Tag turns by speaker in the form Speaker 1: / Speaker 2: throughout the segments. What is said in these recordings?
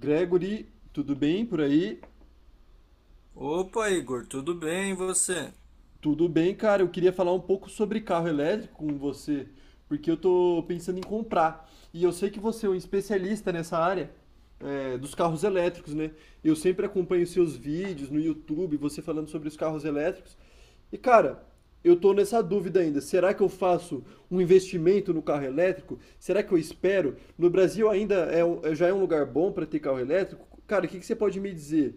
Speaker 1: Gregory, tudo bem por aí?
Speaker 2: Opa, Igor, tudo bem e você?
Speaker 1: Tudo bem, cara. Eu queria falar um pouco sobre carro elétrico com você, porque eu tô pensando em comprar. E eu sei que você é um especialista nessa área, dos carros elétricos, né? Eu sempre acompanho seus vídeos no YouTube, você falando sobre os carros elétricos. E, cara, eu tô nessa dúvida ainda. Será que eu faço um investimento no carro elétrico? Será que eu espero? No Brasil ainda já é um lugar bom para ter carro elétrico? Cara, o que que você pode me dizer?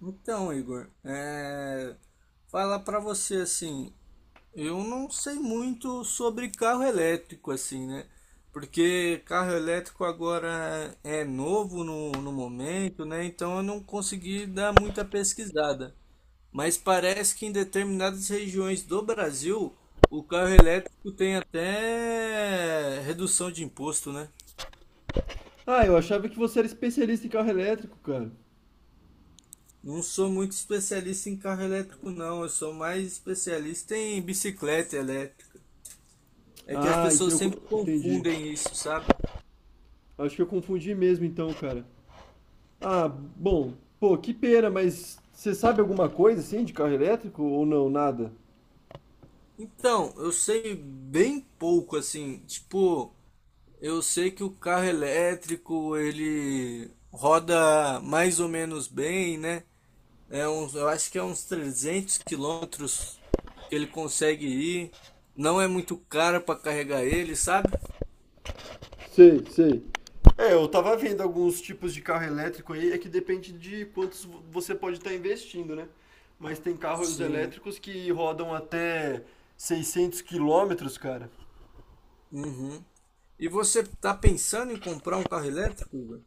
Speaker 2: Então, Igor, falar para você assim, eu não sei muito sobre carro elétrico assim, né? Porque carro elétrico agora é novo no momento, né? Então eu não consegui dar muita pesquisada. Mas parece que em determinadas regiões do Brasil, o carro elétrico tem até redução de imposto, né?
Speaker 1: Ah, eu achava que você era especialista em carro elétrico, cara.
Speaker 2: Não sou muito especialista em carro elétrico, não. Eu sou mais especialista em bicicleta elétrica. É que as
Speaker 1: Ah,
Speaker 2: pessoas sempre
Speaker 1: entendi.
Speaker 2: confundem isso, sabe?
Speaker 1: Acho que eu confundi mesmo então, cara. Ah, bom, pô, que pena, mas você sabe alguma coisa assim de carro elétrico ou não, nada?
Speaker 2: Então, eu sei bem pouco, assim. Tipo, eu sei que o carro elétrico ele roda mais ou menos bem, né? É uns, eu acho que é uns 300 km que ele consegue ir. Não é muito caro para carregar ele, sabe?
Speaker 1: Sei, sei. É, eu tava vendo alguns tipos de carro elétrico aí, é que depende de você pode estar investindo, né? Mas tem carros
Speaker 2: Sim.
Speaker 1: elétricos que rodam até 600 quilômetros, cara.
Speaker 2: Uhum. E você está pensando em comprar um carro elétrico, Igor?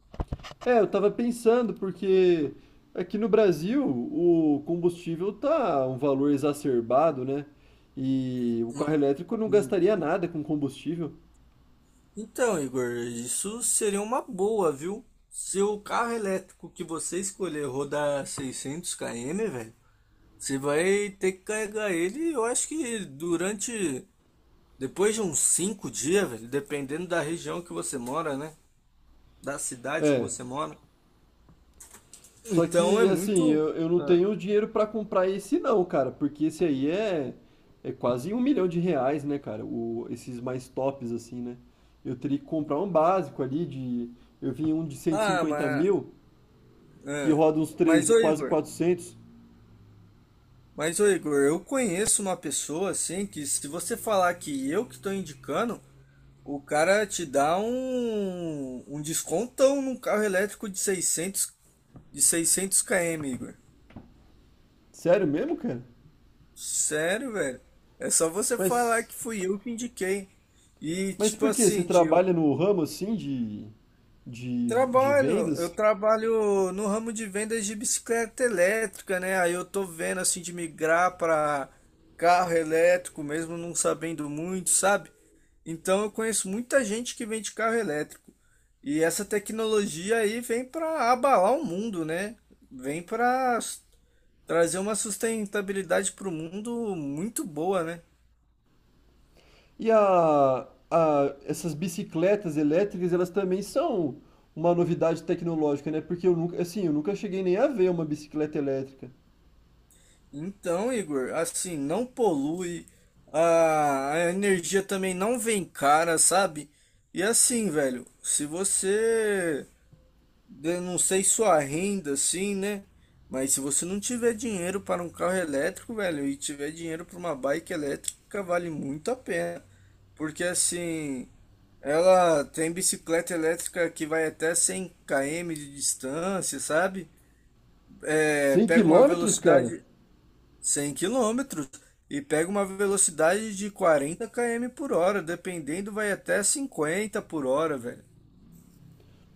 Speaker 1: É, eu tava pensando, porque aqui no Brasil o combustível tá um valor exacerbado, né? E o
Speaker 2: No-
Speaker 1: carro elétrico não
Speaker 2: hum.
Speaker 1: gastaria nada com combustível.
Speaker 2: Então, Igor, isso seria uma boa, viu? Se o carro elétrico que você escolher rodar 600 km, velho, você vai ter que carregar ele, eu acho que durante, depois de uns 5 dias, velho, dependendo da região que você mora, né? Da cidade que
Speaker 1: É,
Speaker 2: você mora.
Speaker 1: só
Speaker 2: Então é
Speaker 1: que assim,
Speaker 2: muito.
Speaker 1: eu não
Speaker 2: Ah,
Speaker 1: tenho dinheiro pra comprar esse não, cara, porque é quase um milhão de reais, né, cara? O, esses mais tops, assim, né? Eu teria que comprar um básico ali de. Eu vi um de cento e
Speaker 2: ah,
Speaker 1: cinquenta
Speaker 2: mas.
Speaker 1: mil, que
Speaker 2: Ah.
Speaker 1: roda uns
Speaker 2: Mas,
Speaker 1: 13,
Speaker 2: ô
Speaker 1: quase
Speaker 2: Igor.
Speaker 1: quatrocentos.
Speaker 2: Mas, ô Igor, eu conheço uma pessoa assim que se você falar que eu que estou indicando, o cara te dá um descontão num carro elétrico de seiscentos km, Igor.
Speaker 1: Sério mesmo, cara?
Speaker 2: Sério, velho. É só você falar
Speaker 1: Mas.
Speaker 2: que fui eu que indiquei. E
Speaker 1: Mas
Speaker 2: tipo
Speaker 1: por quê? Você
Speaker 2: assim, de, eu
Speaker 1: trabalha no ramo assim de
Speaker 2: trabalho, eu
Speaker 1: vendas?
Speaker 2: trabalho no ramo de vendas de bicicleta elétrica, né? Aí eu tô vendo, assim, de migrar para carro elétrico, mesmo não sabendo muito, sabe? Então eu conheço muita gente que vende carro elétrico. E essa tecnologia aí vem para abalar o mundo, né? Vem para trazer uma sustentabilidade para o mundo muito boa, né?
Speaker 1: E essas bicicletas elétricas, elas também são uma novidade tecnológica, né? Porque eu nunca, assim, eu nunca cheguei nem a ver uma bicicleta elétrica.
Speaker 2: Então, Igor, assim, não polui, a energia também não vem cara, sabe? E assim, velho, se você eu não sei sua renda assim, né? Mas se você não tiver dinheiro para um carro elétrico, velho, e tiver dinheiro para uma bike elétrica, vale muito a pena. Porque assim, ela tem bicicleta elétrica que vai até 100 km de distância, sabe? É,
Speaker 1: Cem
Speaker 2: pega uma
Speaker 1: quilômetros, cara?
Speaker 2: velocidade 100 km e pega uma velocidade de 40 km por hora, dependendo, vai até 50 por hora, velho.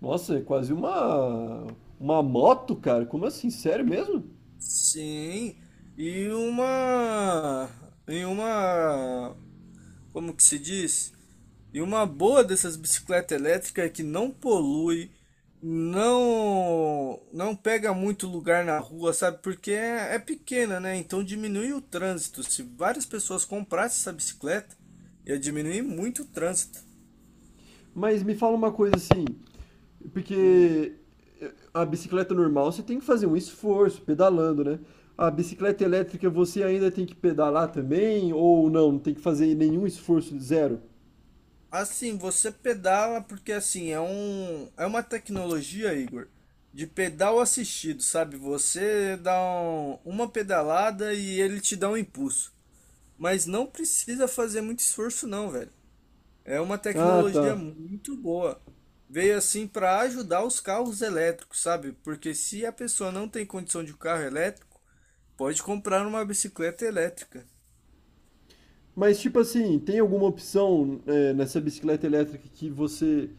Speaker 1: Nossa, é quase uma moto, cara. Como assim? Sério mesmo?
Speaker 2: Sim, e uma, e uma, como que se diz? E uma boa dessas bicicletas elétricas é que não polui, não pega muito lugar na rua, sabe? Porque é pequena, né? Então diminui o trânsito. Se várias pessoas comprassem essa bicicleta, ia diminuir muito o trânsito.
Speaker 1: Mas me fala uma coisa assim,
Speaker 2: Hum.
Speaker 1: porque a bicicleta normal você tem que fazer um esforço pedalando, né? A bicicleta elétrica você ainda tem que pedalar também ou não? Não tem que fazer nenhum esforço, zero?
Speaker 2: Assim, você pedala porque assim, é uma tecnologia, Igor, de pedal assistido, sabe? Você uma pedalada e ele te dá um impulso, mas não precisa fazer muito esforço não, velho. É uma
Speaker 1: Ah,
Speaker 2: tecnologia
Speaker 1: tá.
Speaker 2: muito boa. Veio assim para ajudar os carros elétricos, sabe? Porque se a pessoa não tem condição de um carro elétrico, pode comprar uma bicicleta elétrica.
Speaker 1: Mas tipo assim, tem alguma opção nessa bicicleta elétrica que você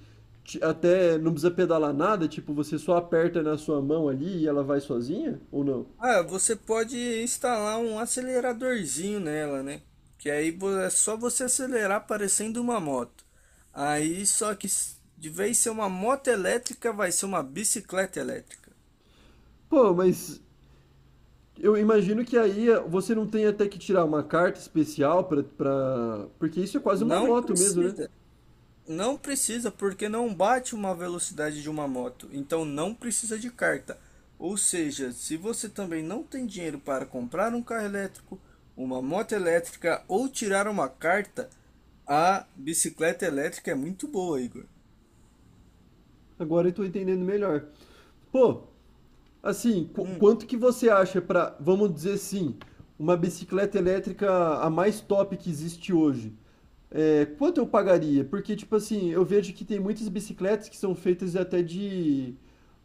Speaker 1: te- até não precisa pedalar nada? Tipo, você só aperta na sua mão ali e ela vai sozinha? Ou não?
Speaker 2: Ah, você pode instalar um aceleradorzinho nela, né? Que aí é só você acelerar parecendo uma moto. Aí só que de vez de ser uma moto elétrica, vai ser uma bicicleta elétrica.
Speaker 1: Pô, mas eu imagino que aí você não tem até que tirar uma carta especial pra, pra... Porque isso é quase uma
Speaker 2: Não
Speaker 1: moto mesmo, né?
Speaker 2: precisa. Não precisa, porque não bate uma velocidade de uma moto, então não precisa de carta. Ou seja, se você também não tem dinheiro para comprar um carro elétrico, uma moto elétrica ou tirar uma carta, a bicicleta elétrica é muito boa, Igor.
Speaker 1: Agora eu tô entendendo melhor. Pô, assim,
Speaker 2: Hum.
Speaker 1: quanto que você acha para, vamos dizer assim, uma bicicleta elétrica a mais top que existe hoje? É, quanto eu pagaria? Porque, tipo assim, eu vejo que tem muitas bicicletas que são feitas até de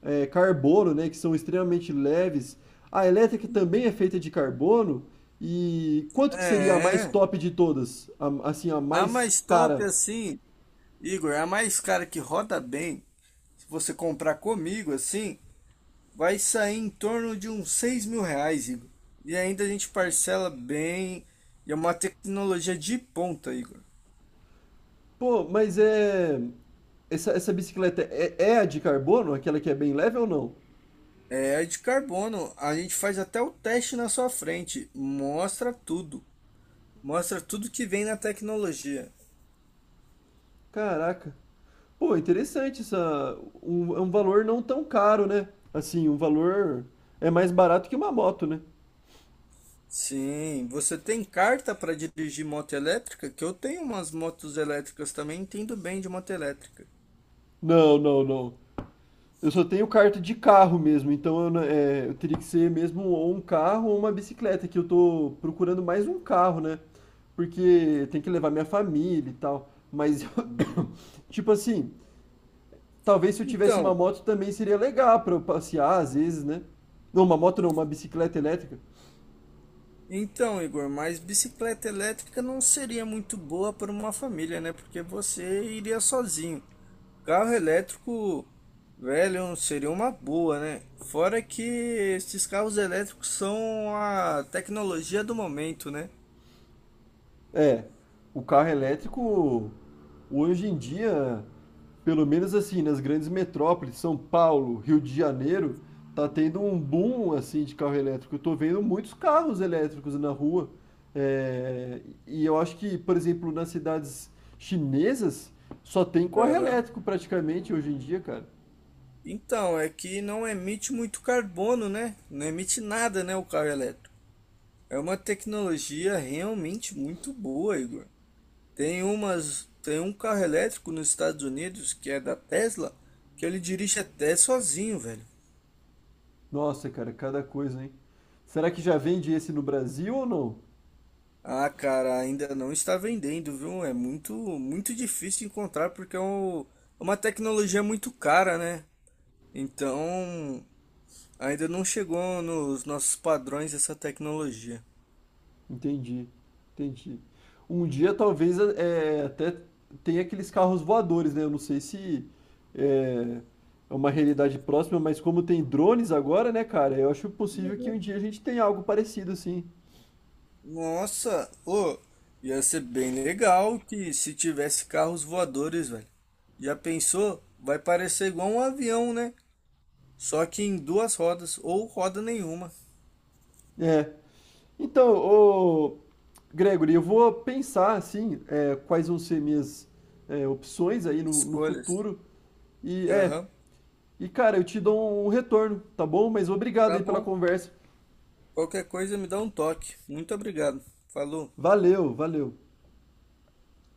Speaker 1: carbono, né? Que são extremamente leves. A elétrica também é feita de carbono. E quanto que seria a mais
Speaker 2: É,
Speaker 1: top de todas? Assim, a
Speaker 2: a
Speaker 1: mais
Speaker 2: mais top
Speaker 1: cara?
Speaker 2: assim, Igor, a mais cara que roda bem, se você comprar comigo assim, vai sair em torno de uns R$ 6.000, Igor. E ainda a gente parcela bem. E é uma tecnologia de ponta, Igor.
Speaker 1: Pô, mas é. Essa bicicleta é a de carbono? Aquela que é bem leve ou não?
Speaker 2: É a de carbono. A gente faz até o teste na sua frente. Mostra tudo. Mostra tudo que vem na tecnologia.
Speaker 1: Caraca. Pô, interessante essa. Um, é um valor não tão caro, né? Assim, um valor é mais barato que uma moto, né?
Speaker 2: Sim, você tem carta para dirigir moto elétrica? Que eu tenho umas motos elétricas também, entendo bem de moto elétrica.
Speaker 1: Não, não, não. Eu só tenho carta de carro mesmo, então eu, não- é, eu teria que ser mesmo ou um carro ou uma bicicleta, que eu tô procurando mais um carro, né? Porque tem que levar minha família e tal. Mas, tipo assim, talvez se eu tivesse uma
Speaker 2: Então,
Speaker 1: moto também seria legal pra eu passear às vezes, né? Não, uma moto não, uma bicicleta elétrica.
Speaker 2: Então, Igor, mas bicicleta elétrica não seria muito boa para uma família, né? Porque você iria sozinho. Carro elétrico, velho, seria uma boa, né? Fora que esses carros elétricos são a tecnologia do momento, né?
Speaker 1: É, o carro elétrico hoje em dia, pelo menos assim, nas grandes metrópoles, São Paulo, Rio de Janeiro, tá tendo um boom assim de carro elétrico. Eu tô vendo muitos carros elétricos na rua. É, e eu acho que, por exemplo, nas cidades chinesas, só tem carro
Speaker 2: Aham.
Speaker 1: elétrico praticamente hoje em dia, cara.
Speaker 2: Então, é que não emite muito carbono, né? Não emite nada, né, o carro elétrico. É uma tecnologia realmente muito boa, Igor. Tem um carro elétrico nos Estados Unidos que é da Tesla, que ele dirige até sozinho, velho.
Speaker 1: Nossa, cara, cada coisa, hein? Será que já vende esse no Brasil ou não?
Speaker 2: Ah, cara, ainda não está vendendo, viu? É muito, muito difícil encontrar porque é uma tecnologia muito cara, né? Então, ainda não chegou nos nossos padrões essa tecnologia.
Speaker 1: Entendi, entendi. Um dia talvez até tenha aqueles carros voadores, né? Eu não sei se eh, é uma realidade próxima, mas como tem drones agora, né, cara? Eu acho possível que um
Speaker 2: Uhum.
Speaker 1: dia a gente tenha algo parecido, assim.
Speaker 2: Nossa, ô, ia ser bem legal que se tivesse carros voadores, velho. Já pensou? Vai parecer igual um avião, né? Só que em duas rodas ou roda nenhuma.
Speaker 1: É. Então, ô, Gregory, eu vou pensar, assim, quais vão ser minhas opções aí no
Speaker 2: Escolhas.
Speaker 1: futuro. E, é,
Speaker 2: Aham.
Speaker 1: e, cara, eu te dou um retorno, tá bom? Mas obrigado
Speaker 2: Tá
Speaker 1: aí pela
Speaker 2: bom.
Speaker 1: conversa.
Speaker 2: Qualquer coisa me dá um toque. Muito obrigado. Falou.
Speaker 1: Valeu, valeu.